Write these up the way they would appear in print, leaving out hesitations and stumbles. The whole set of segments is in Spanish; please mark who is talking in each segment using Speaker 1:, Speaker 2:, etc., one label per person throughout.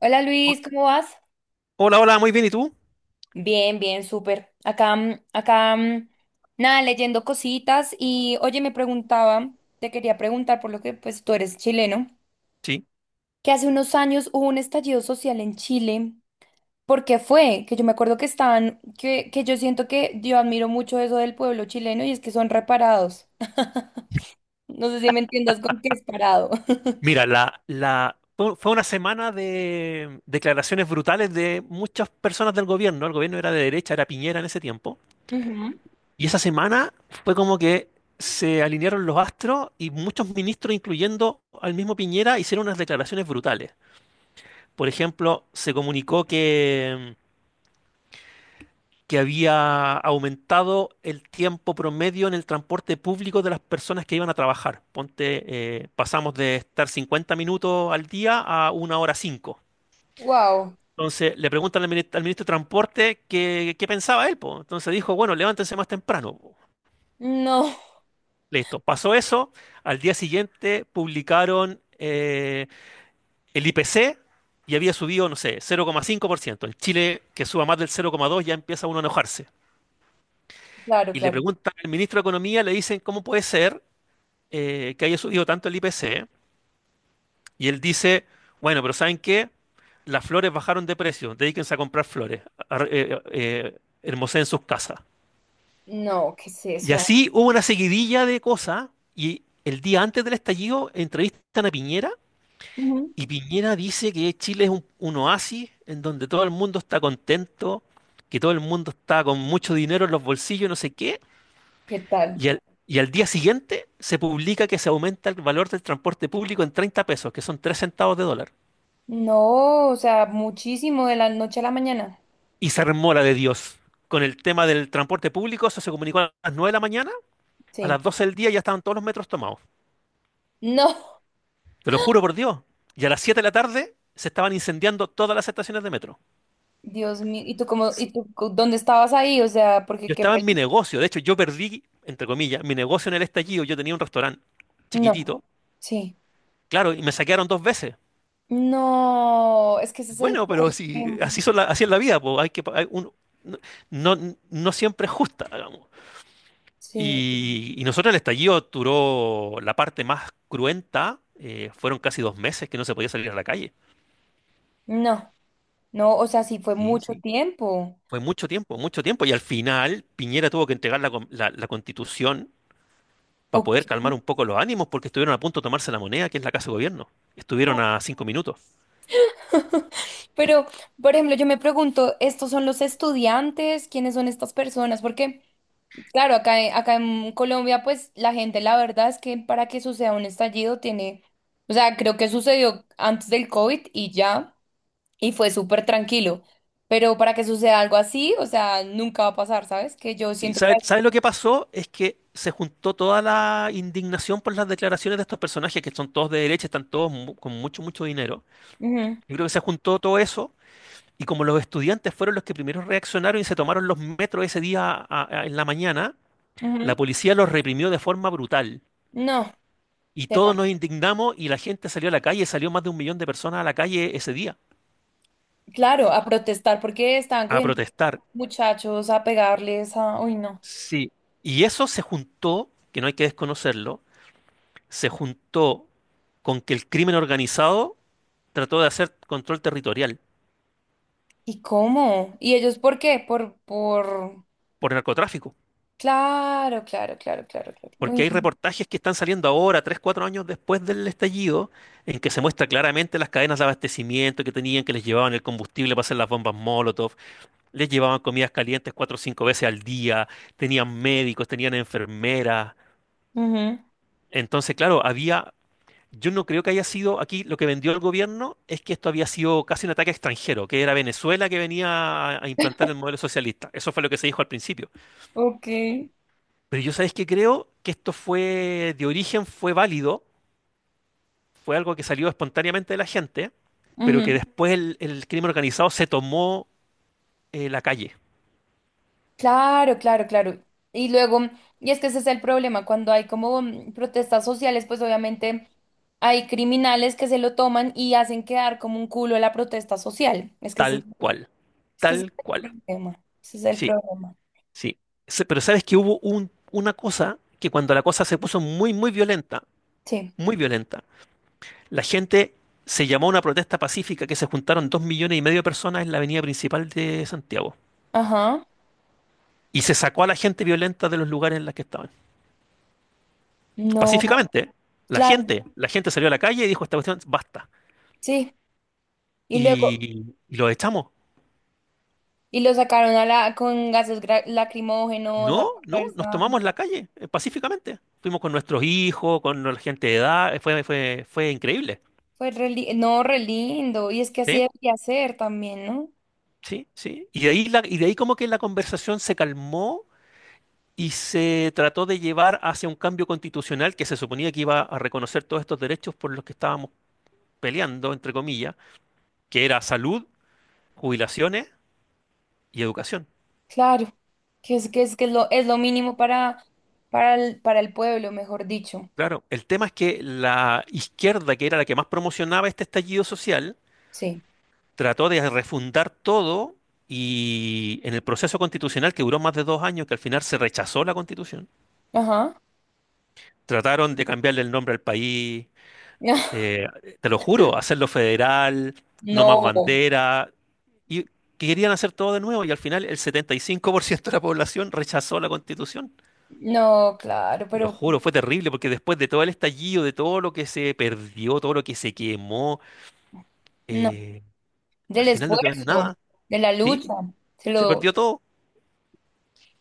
Speaker 1: Hola, Luis, ¿cómo vas?
Speaker 2: Hola, hola, muy bien. ¿Y tú?
Speaker 1: Bien, bien, súper. Acá, nada, leyendo cositas y oye, me preguntaba, te quería preguntar por lo que pues tú eres chileno,
Speaker 2: Sí.
Speaker 1: que hace unos años hubo un estallido social en Chile. ¿Por qué fue? Que yo me acuerdo que estaban, que yo siento que yo admiro mucho eso del pueblo chileno y es que son reparados. No sé si me entiendas con qué es parado.
Speaker 2: Mira, fue una semana de declaraciones brutales de muchas personas del gobierno. El gobierno era de derecha, era Piñera en ese tiempo.
Speaker 1: Ujú.
Speaker 2: Y esa semana fue como que se alinearon los astros y muchos ministros, incluyendo al mismo Piñera, hicieron unas declaraciones brutales. Por ejemplo, se comunicó que había aumentado el tiempo promedio en el transporte público de las personas que iban a trabajar. Ponte, pasamos de estar 50 minutos al día a 1 hora 5.
Speaker 1: Wow.
Speaker 2: Entonces le preguntan al ministro de Transporte qué pensaba él, po. Entonces dijo, bueno, levántense más temprano, po.
Speaker 1: No,
Speaker 2: Listo, pasó eso. Al día siguiente publicaron el IPC y había subido, no sé, 0,5%. En Chile, que suba más del 0,2, ya empieza uno a enojarse.
Speaker 1: claro,
Speaker 2: Y le
Speaker 1: claro.
Speaker 2: preguntan al ministro de Economía, le dicen, ¿cómo puede ser que haya subido tanto el IPC? Y él dice, bueno, pero ¿saben qué? Las flores bajaron de precio, dedíquense a comprar flores, hermoseen sus casas.
Speaker 1: No, ¿qué es
Speaker 2: Y
Speaker 1: eso?
Speaker 2: así hubo una seguidilla de cosas y el día antes del estallido entrevistan a Piñera
Speaker 1: Ujú.
Speaker 2: y Piñera dice que Chile es un oasis en donde todo el mundo está contento, que todo el mundo está con mucho dinero en los bolsillos, no sé qué.
Speaker 1: ¿Qué tal?
Speaker 2: Y al día siguiente se publica que se aumenta el valor del transporte público en 30 pesos, que son 3 centavos de dólar.
Speaker 1: No, o sea, muchísimo de la noche a la mañana.
Speaker 2: Y se armó la de Dios. Con el tema del transporte público, eso se comunicó a las 9 de la mañana, a
Speaker 1: Sí.
Speaker 2: las 12 del día ya estaban todos los metros tomados.
Speaker 1: No,
Speaker 2: Te lo juro por Dios. Y a las 7 de la tarde se estaban incendiando todas las estaciones de metro.
Speaker 1: Dios mío. ¿Y tú cómo,
Speaker 2: Sí.
Speaker 1: y tú cu- dónde estabas ahí? O sea,
Speaker 2: Yo
Speaker 1: porque qué
Speaker 2: estaba en mi
Speaker 1: peli-
Speaker 2: negocio, de hecho yo perdí, entre comillas, mi negocio en el estallido, yo tenía un restaurante
Speaker 1: No.
Speaker 2: chiquitito,
Speaker 1: Sí.
Speaker 2: claro, y me saquearon 2 veces.
Speaker 1: No, es que ese es el
Speaker 2: Bueno, pero si
Speaker 1: problema.
Speaker 2: así así es la vida, pues hay que pa- hay un- no, no siempre es justa, digamos.
Speaker 1: Sí.
Speaker 2: Y nosotros el estallido duró la parte más cruenta, fueron casi 2 meses que no se podía salir a la calle.
Speaker 1: No, no, o sea, sí fue
Speaker 2: Sí,
Speaker 1: mucho
Speaker 2: sí.
Speaker 1: tiempo.
Speaker 2: Fue mucho tiempo, mucho tiempo. Y al final Piñera tuvo que entregar la constitución para
Speaker 1: Ok.
Speaker 2: poder calmar un poco los ánimos porque estuvieron a punto de tomarse la moneda, que es la Casa de Gobierno. Estuvieron a 5 minutos.
Speaker 1: Pero, por ejemplo, yo me pregunto, ¿estos son los estudiantes? ¿Quiénes son estas personas? Porque claro, acá en Colombia, pues la gente, la verdad es que para que suceda un estallido tiene, o sea, creo que sucedió antes del COVID y ya, y fue súper tranquilo. Pero para que suceda algo así, o sea, nunca va a pasar, ¿sabes? Que yo
Speaker 2: Sí,
Speaker 1: siento que...
Speaker 2: ¿ sabe lo que pasó? Es que se juntó toda la indignación por las declaraciones de estos personajes, que son todos de derecha, están todos con mucho, mucho dinero.
Speaker 1: Ujú,
Speaker 2: Yo creo que se juntó todo eso, y como los estudiantes fueron los que primero reaccionaron y se tomaron los metros ese día en la mañana, la
Speaker 1: ujú.
Speaker 2: policía los reprimió de forma brutal.
Speaker 1: No,
Speaker 2: Y todos
Speaker 1: tenaz.
Speaker 2: nos indignamos y la gente salió a la calle, salió más de 1 millón de personas a la calle ese día
Speaker 1: Claro, a protestar porque estaban
Speaker 2: a
Speaker 1: cogiendo
Speaker 2: protestar.
Speaker 1: muchachos a pegarles a... Uy, no.
Speaker 2: Sí. Y eso se juntó, que no hay que desconocerlo, se juntó con que el crimen organizado trató de hacer control territorial
Speaker 1: ¿Y cómo? ¿Y ellos por qué? Por...
Speaker 2: por narcotráfico.
Speaker 1: Claro, claro, claro, claro, claro.
Speaker 2: Porque
Speaker 1: Uy,
Speaker 2: hay
Speaker 1: no.
Speaker 2: reportajes que están saliendo ahora, 3, 4 años después del estallido, en que se muestra claramente las cadenas de abastecimiento que tenían, que les llevaban el combustible para hacer las bombas Molotov, les llevaban comidas calientes 4 o 5 veces al día, tenían médicos, tenían enfermeras.
Speaker 1: Ujú.
Speaker 2: Entonces, claro, había... Yo no creo que haya sido, aquí lo que vendió el gobierno es que esto había sido casi un ataque extranjero, que era Venezuela que venía a implantar el modelo socialista. Eso fue lo que se dijo al principio.
Speaker 1: Ok.
Speaker 2: Pero yo sabéis que creo que esto fue de origen, fue válido, fue algo que salió espontáneamente de la gente, pero que
Speaker 1: Ujú.
Speaker 2: después el crimen organizado se tomó la calle,
Speaker 1: Claro, claro, claro. Y luego, y es que ese es el problema, cuando hay como protestas sociales, pues obviamente hay criminales que se lo toman y hacen quedar como un culo la protesta social.
Speaker 2: tal cual,
Speaker 1: Es que ese
Speaker 2: tal
Speaker 1: es
Speaker 2: cual.
Speaker 1: el problema. Ese es el
Speaker 2: Sí,
Speaker 1: problema.
Speaker 2: sí. Pero sabes que hubo una cosa que cuando la cosa se puso muy, muy violenta,
Speaker 1: Sí.
Speaker 2: muy violenta. La gente se llamó a una protesta pacífica que se juntaron 2,5 millones de personas en la avenida principal de Santiago.
Speaker 1: Ajá.
Speaker 2: Y se sacó a la gente violenta de los lugares en los que estaban.
Speaker 1: No,
Speaker 2: Pacíficamente, ¿eh?
Speaker 1: claro,
Speaker 2: La gente salió a la calle y dijo esta cuestión, basta.
Speaker 1: sí. Y luego,
Speaker 2: Y los echamos.
Speaker 1: y lo sacaron a con gases lacrimógenos a la
Speaker 2: No, no, nos
Speaker 1: fuerza.
Speaker 2: tomamos la calle, pacíficamente. Fuimos con nuestros hijos, con la gente de edad, fue increíble.
Speaker 1: Fue no, re lindo. Y es que así
Speaker 2: ¿Sí?
Speaker 1: debería ser también, ¿no?
Speaker 2: Sí, sí. Y de ahí y de ahí como que la conversación se calmó y se trató de llevar hacia un cambio constitucional que se suponía que iba a reconocer todos estos derechos por los que estábamos peleando, entre comillas, que era salud, jubilaciones y educación.
Speaker 1: Claro, que es lo mínimo para el pueblo, mejor dicho.
Speaker 2: Claro, el tema es que la izquierda, que era la que más promocionaba este estallido social,
Speaker 1: Sí.
Speaker 2: trató de refundar todo y en el proceso constitucional que duró más de 2 años, que al final se rechazó la constitución,
Speaker 1: Ajá.
Speaker 2: trataron de cambiarle el nombre al país, eh, te lo juro, hacerlo federal, no más
Speaker 1: No,
Speaker 2: bandera, y que querían hacer todo de nuevo y al final el 75% de la población rechazó la constitución.
Speaker 1: no, claro,
Speaker 2: Te lo
Speaker 1: pero
Speaker 2: juro, fue terrible porque después de todo el estallido, de todo lo que se perdió, todo lo que se quemó,
Speaker 1: no.
Speaker 2: eh, al
Speaker 1: Del
Speaker 2: final no quedó en
Speaker 1: esfuerzo,
Speaker 2: nada,
Speaker 1: de la
Speaker 2: ¿sí?
Speaker 1: lucha. Se
Speaker 2: Se
Speaker 1: lo...
Speaker 2: perdió todo.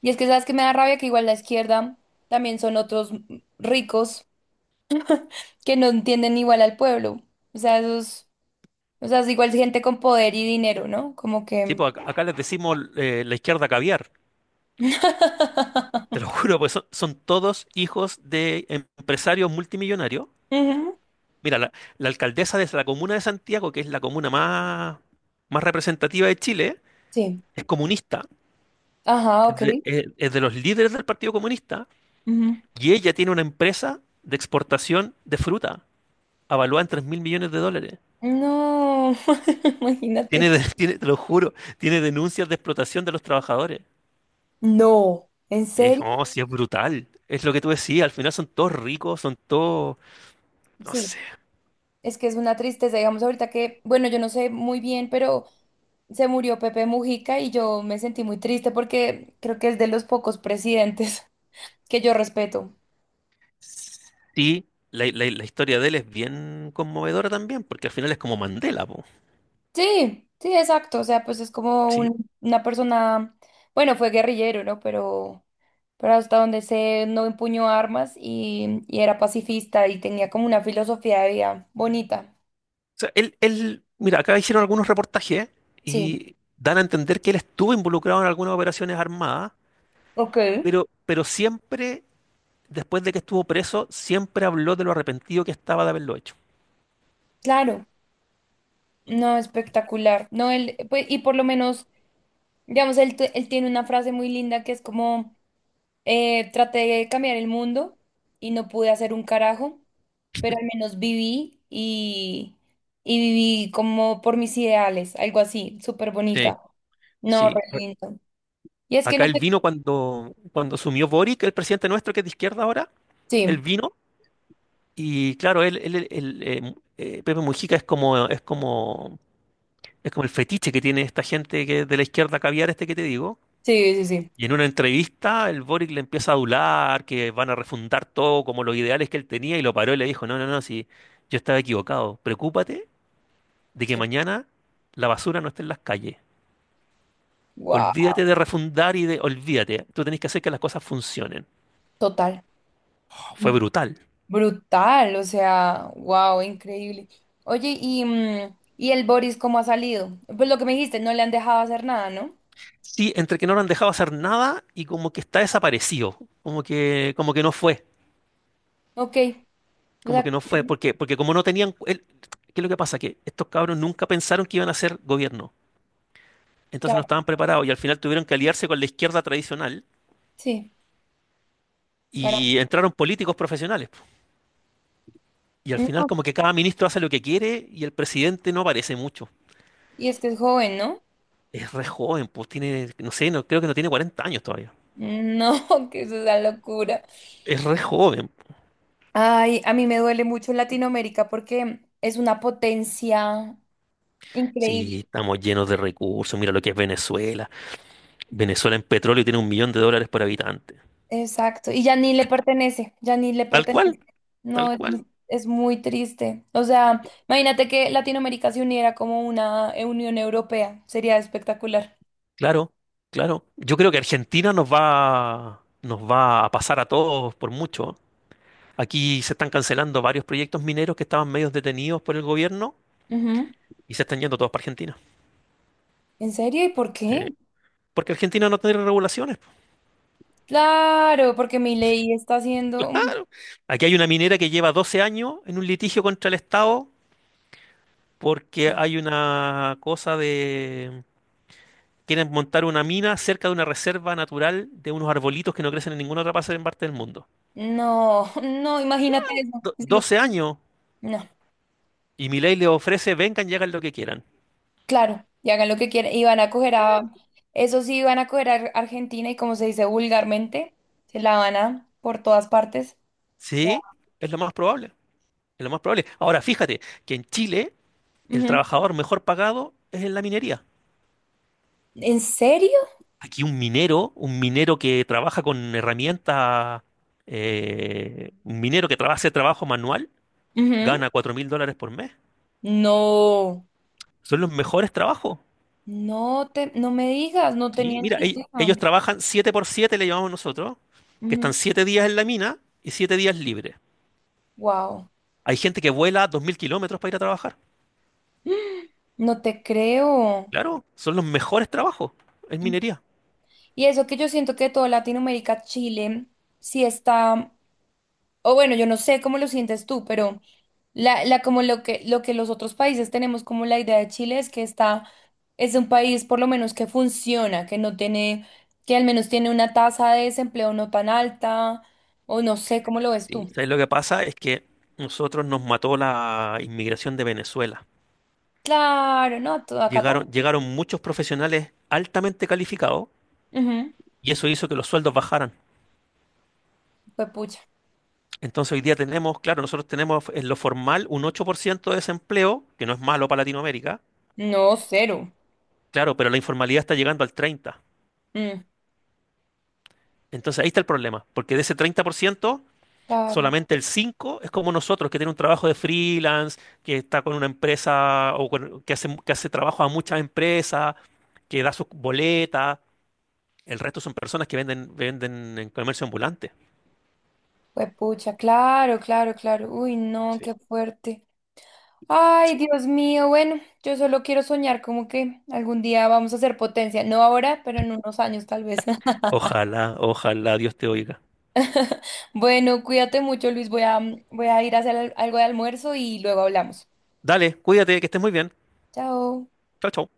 Speaker 1: Y es que sabes que me da rabia que igual la izquierda también son otros ricos que no entienden igual al pueblo. O sea, es igual gente con poder y dinero, ¿no? Como
Speaker 2: Sí,
Speaker 1: que.
Speaker 2: pues acá, acá les decimos la izquierda caviar. Te lo juro, pues son, son todos hijos de empresarios multimillonarios.
Speaker 1: Ujú.
Speaker 2: Mira, la alcaldesa de la comuna de Santiago, que es la comuna más, más representativa de Chile,
Speaker 1: Sí.
Speaker 2: es comunista,
Speaker 1: Ajá, ok.
Speaker 2: es de los líderes del Partido Comunista,
Speaker 1: Ujú.
Speaker 2: y ella tiene una empresa de exportación de fruta, avaluada en 3.000 millones de dólares.
Speaker 1: No,
Speaker 2: Tiene,
Speaker 1: imagínate.
Speaker 2: tiene, te lo juro, tiene denuncias de explotación de los trabajadores.
Speaker 1: No, ¿en
Speaker 2: Es,
Speaker 1: serio?
Speaker 2: oh, sí, es brutal. Es lo que tú decías, al final son todos ricos, son todos, no
Speaker 1: Sí,
Speaker 2: sé.
Speaker 1: es que es una tristeza, digamos, ahorita que, bueno, yo no sé muy bien, pero se murió Pepe Mujica y yo me sentí muy triste porque creo que es de los pocos presidentes que yo respeto.
Speaker 2: Sí, la historia de él es bien conmovedora también, porque al final es como Mandela, po.
Speaker 1: Sí, sí, exacto, o sea, pues es como
Speaker 2: Sí,
Speaker 1: una persona, bueno, fue guerrillero, ¿no? Pero hasta donde sé, no empuñó armas y era pacifista y tenía como una filosofía de vida bonita.
Speaker 2: sea, mira, acá hicieron algunos reportajes
Speaker 1: Sí,
Speaker 2: y dan a entender que él estuvo involucrado en algunas operaciones armadas,
Speaker 1: ok,
Speaker 2: pero, después de que estuvo preso, siempre habló de lo arrepentido que estaba de haberlo hecho.
Speaker 1: claro. No, espectacular. No, él, pues, y por lo menos, digamos, él tiene una frase muy linda que es como, traté de cambiar el mundo y no pude hacer un carajo, pero al menos viví y viví como por mis ideales, algo así, súper
Speaker 2: Sí,
Speaker 1: bonita. No,
Speaker 2: sí,
Speaker 1: re lindo. Y es que
Speaker 2: Acá
Speaker 1: no
Speaker 2: él
Speaker 1: sé.
Speaker 2: vino cuando, cuando asumió Boric, el presidente nuestro que es de izquierda ahora, él
Speaker 1: Sí,
Speaker 2: vino y claro, Pepe Mujica es como, es como el fetiche que tiene esta gente de la izquierda caviar este que te digo.
Speaker 1: sí, sí, sí.
Speaker 2: Y en una entrevista el Boric le empieza a adular, que van a refundar todo como los ideales que él tenía y lo paró y le dijo, no, no, no, sí, yo estaba equivocado. Preocúpate de que
Speaker 1: Sí.
Speaker 2: mañana la basura no esté en las calles.
Speaker 1: Wow,
Speaker 2: Olvídate de refundar y de olvídate. Tú tenés que hacer que las cosas funcionen.
Speaker 1: total.
Speaker 2: Oh, fue brutal.
Speaker 1: Brutal, o sea, wow, increíble. Oye, ¿y el Boris cómo ha salido? Pues lo que me dijiste, no le han dejado hacer nada, ¿no?
Speaker 2: Sí, entre que no lo han dejado hacer nada y como que está desaparecido, como que no fue,
Speaker 1: Ok, o
Speaker 2: como
Speaker 1: sea,
Speaker 2: que no fue, porque, porque como no tenían, ¿qué es lo que pasa? Que estos cabros nunca pensaron que iban a ser gobierno. Entonces no
Speaker 1: claro,
Speaker 2: estaban preparados y al final tuvieron que aliarse con la izquierda tradicional
Speaker 1: sí, para...
Speaker 2: y entraron políticos profesionales, po. Y al
Speaker 1: No,
Speaker 2: final como que cada ministro hace lo que quiere y el presidente no aparece mucho.
Speaker 1: y es que es joven, ¿no?
Speaker 2: Es re joven, pues tiene, no sé, no, creo que no tiene 40 años todavía.
Speaker 1: No, que eso es una locura.
Speaker 2: Es re joven.
Speaker 1: Ay, a mí me duele mucho Latinoamérica porque es una potencia
Speaker 2: Sí,
Speaker 1: increíble.
Speaker 2: estamos llenos de recursos. Mira lo que es Venezuela. Venezuela en petróleo tiene 1 millón de dólares por habitante.
Speaker 1: Exacto, y ya ni le pertenece, ya ni le
Speaker 2: Tal cual,
Speaker 1: pertenece.
Speaker 2: tal
Speaker 1: No,
Speaker 2: cual.
Speaker 1: es muy triste. O sea, imagínate que Latinoamérica se uniera como una Unión Europea, sería espectacular.
Speaker 2: Claro, claro. Yo creo que Argentina nos va a pasar a todos por mucho. Aquí se están cancelando varios proyectos mineros que estaban medios detenidos por el gobierno
Speaker 1: Ujú.
Speaker 2: y se están yendo todos para Argentina.
Speaker 1: ¿En serio? ¿Y por
Speaker 2: Sí.
Speaker 1: qué?
Speaker 2: Porque Argentina no tiene regulaciones.
Speaker 1: Claro, porque mi ley está haciendo...
Speaker 2: Aquí hay una minera que lleva 12 años en un litigio contra el Estado porque hay una cosa de... Quieren montar una mina cerca de una reserva natural de unos arbolitos que no crecen en ninguna otra parte en parte del mundo.
Speaker 1: No, no, imagínate eso. Es lo que-
Speaker 2: 12 años
Speaker 1: No,
Speaker 2: y Milei les ofrece, vengan y hagan lo que quieran.
Speaker 1: claro, y hagan lo que quieran. Y van a coger a... Eso sí, van a coger a Argentina y como se dice vulgarmente, se la van a por todas partes. O sea,
Speaker 2: Sí, es lo más probable. Es lo más probable. Ahora, fíjate que en Chile el trabajador mejor pagado es en la minería.
Speaker 1: ¿en serio?
Speaker 2: Aquí un minero que trabaja con herramientas, un minero que trabaja, hace trabajo manual,
Speaker 1: Ujú.
Speaker 2: gana 4.000 dólares por mes.
Speaker 1: No,
Speaker 2: Son los mejores trabajos.
Speaker 1: no me digas, no
Speaker 2: Sí,
Speaker 1: tenía
Speaker 2: mira,
Speaker 1: ni
Speaker 2: ellos
Speaker 1: idea.
Speaker 2: trabajan 7 por 7 le llamamos nosotros, que están 7 días en la mina y 7 días libres.
Speaker 1: Wow,
Speaker 2: Hay gente que vuela 2.000 kilómetros para ir a trabajar.
Speaker 1: no te creo.
Speaker 2: Claro, son los mejores trabajos en
Speaker 1: Y
Speaker 2: minería.
Speaker 1: y eso que yo siento que toda Latinoamérica, Chile, sí está, o bueno, yo no sé cómo lo sientes tú, pero la como lo que los otros países tenemos como la idea de Chile es que está, es un país por lo menos que funciona, que no tiene, que al menos tiene una tasa de desempleo no tan alta, o no sé cómo lo ves
Speaker 2: Sí.
Speaker 1: tú.
Speaker 2: ¿Sabes lo que pasa? Es que nosotros nos mató la inmigración de Venezuela.
Speaker 1: Claro, no, todo acá
Speaker 2: Llegaron, llegaron muchos profesionales altamente calificados
Speaker 1: también. Ujú.
Speaker 2: y eso hizo que los sueldos bajaran.
Speaker 1: Pues pucha.
Speaker 2: Entonces hoy día tenemos, claro, nosotros tenemos en lo formal un 8 por ciento de desempleo, que no es malo para Latinoamérica,
Speaker 1: No, cero.
Speaker 2: claro, pero la informalidad está llegando al 30%.
Speaker 1: Mm,
Speaker 2: Entonces ahí está el problema, porque de ese 30%
Speaker 1: claro,
Speaker 2: solamente el 5% es como nosotros, que tiene un trabajo de freelance, que está con una empresa que hace trabajo a muchas empresas, que da sus boletas. El resto son personas que venden, venden en comercio ambulante.
Speaker 1: pues pucha, claro, claro, claro. Uy, no,
Speaker 2: Sí.
Speaker 1: qué fuerte. Ay, Dios mío, bueno, yo solo quiero soñar como que algún día vamos a ser potencia. No ahora, pero en unos años tal vez.
Speaker 2: Ojalá, ojalá Dios te oiga.
Speaker 1: Bueno, cuídate mucho, Luis. Voy a ir a hacer algo de almuerzo y luego hablamos.
Speaker 2: Dale, cuídate, que estés muy bien.
Speaker 1: Chao.
Speaker 2: Chao, chao.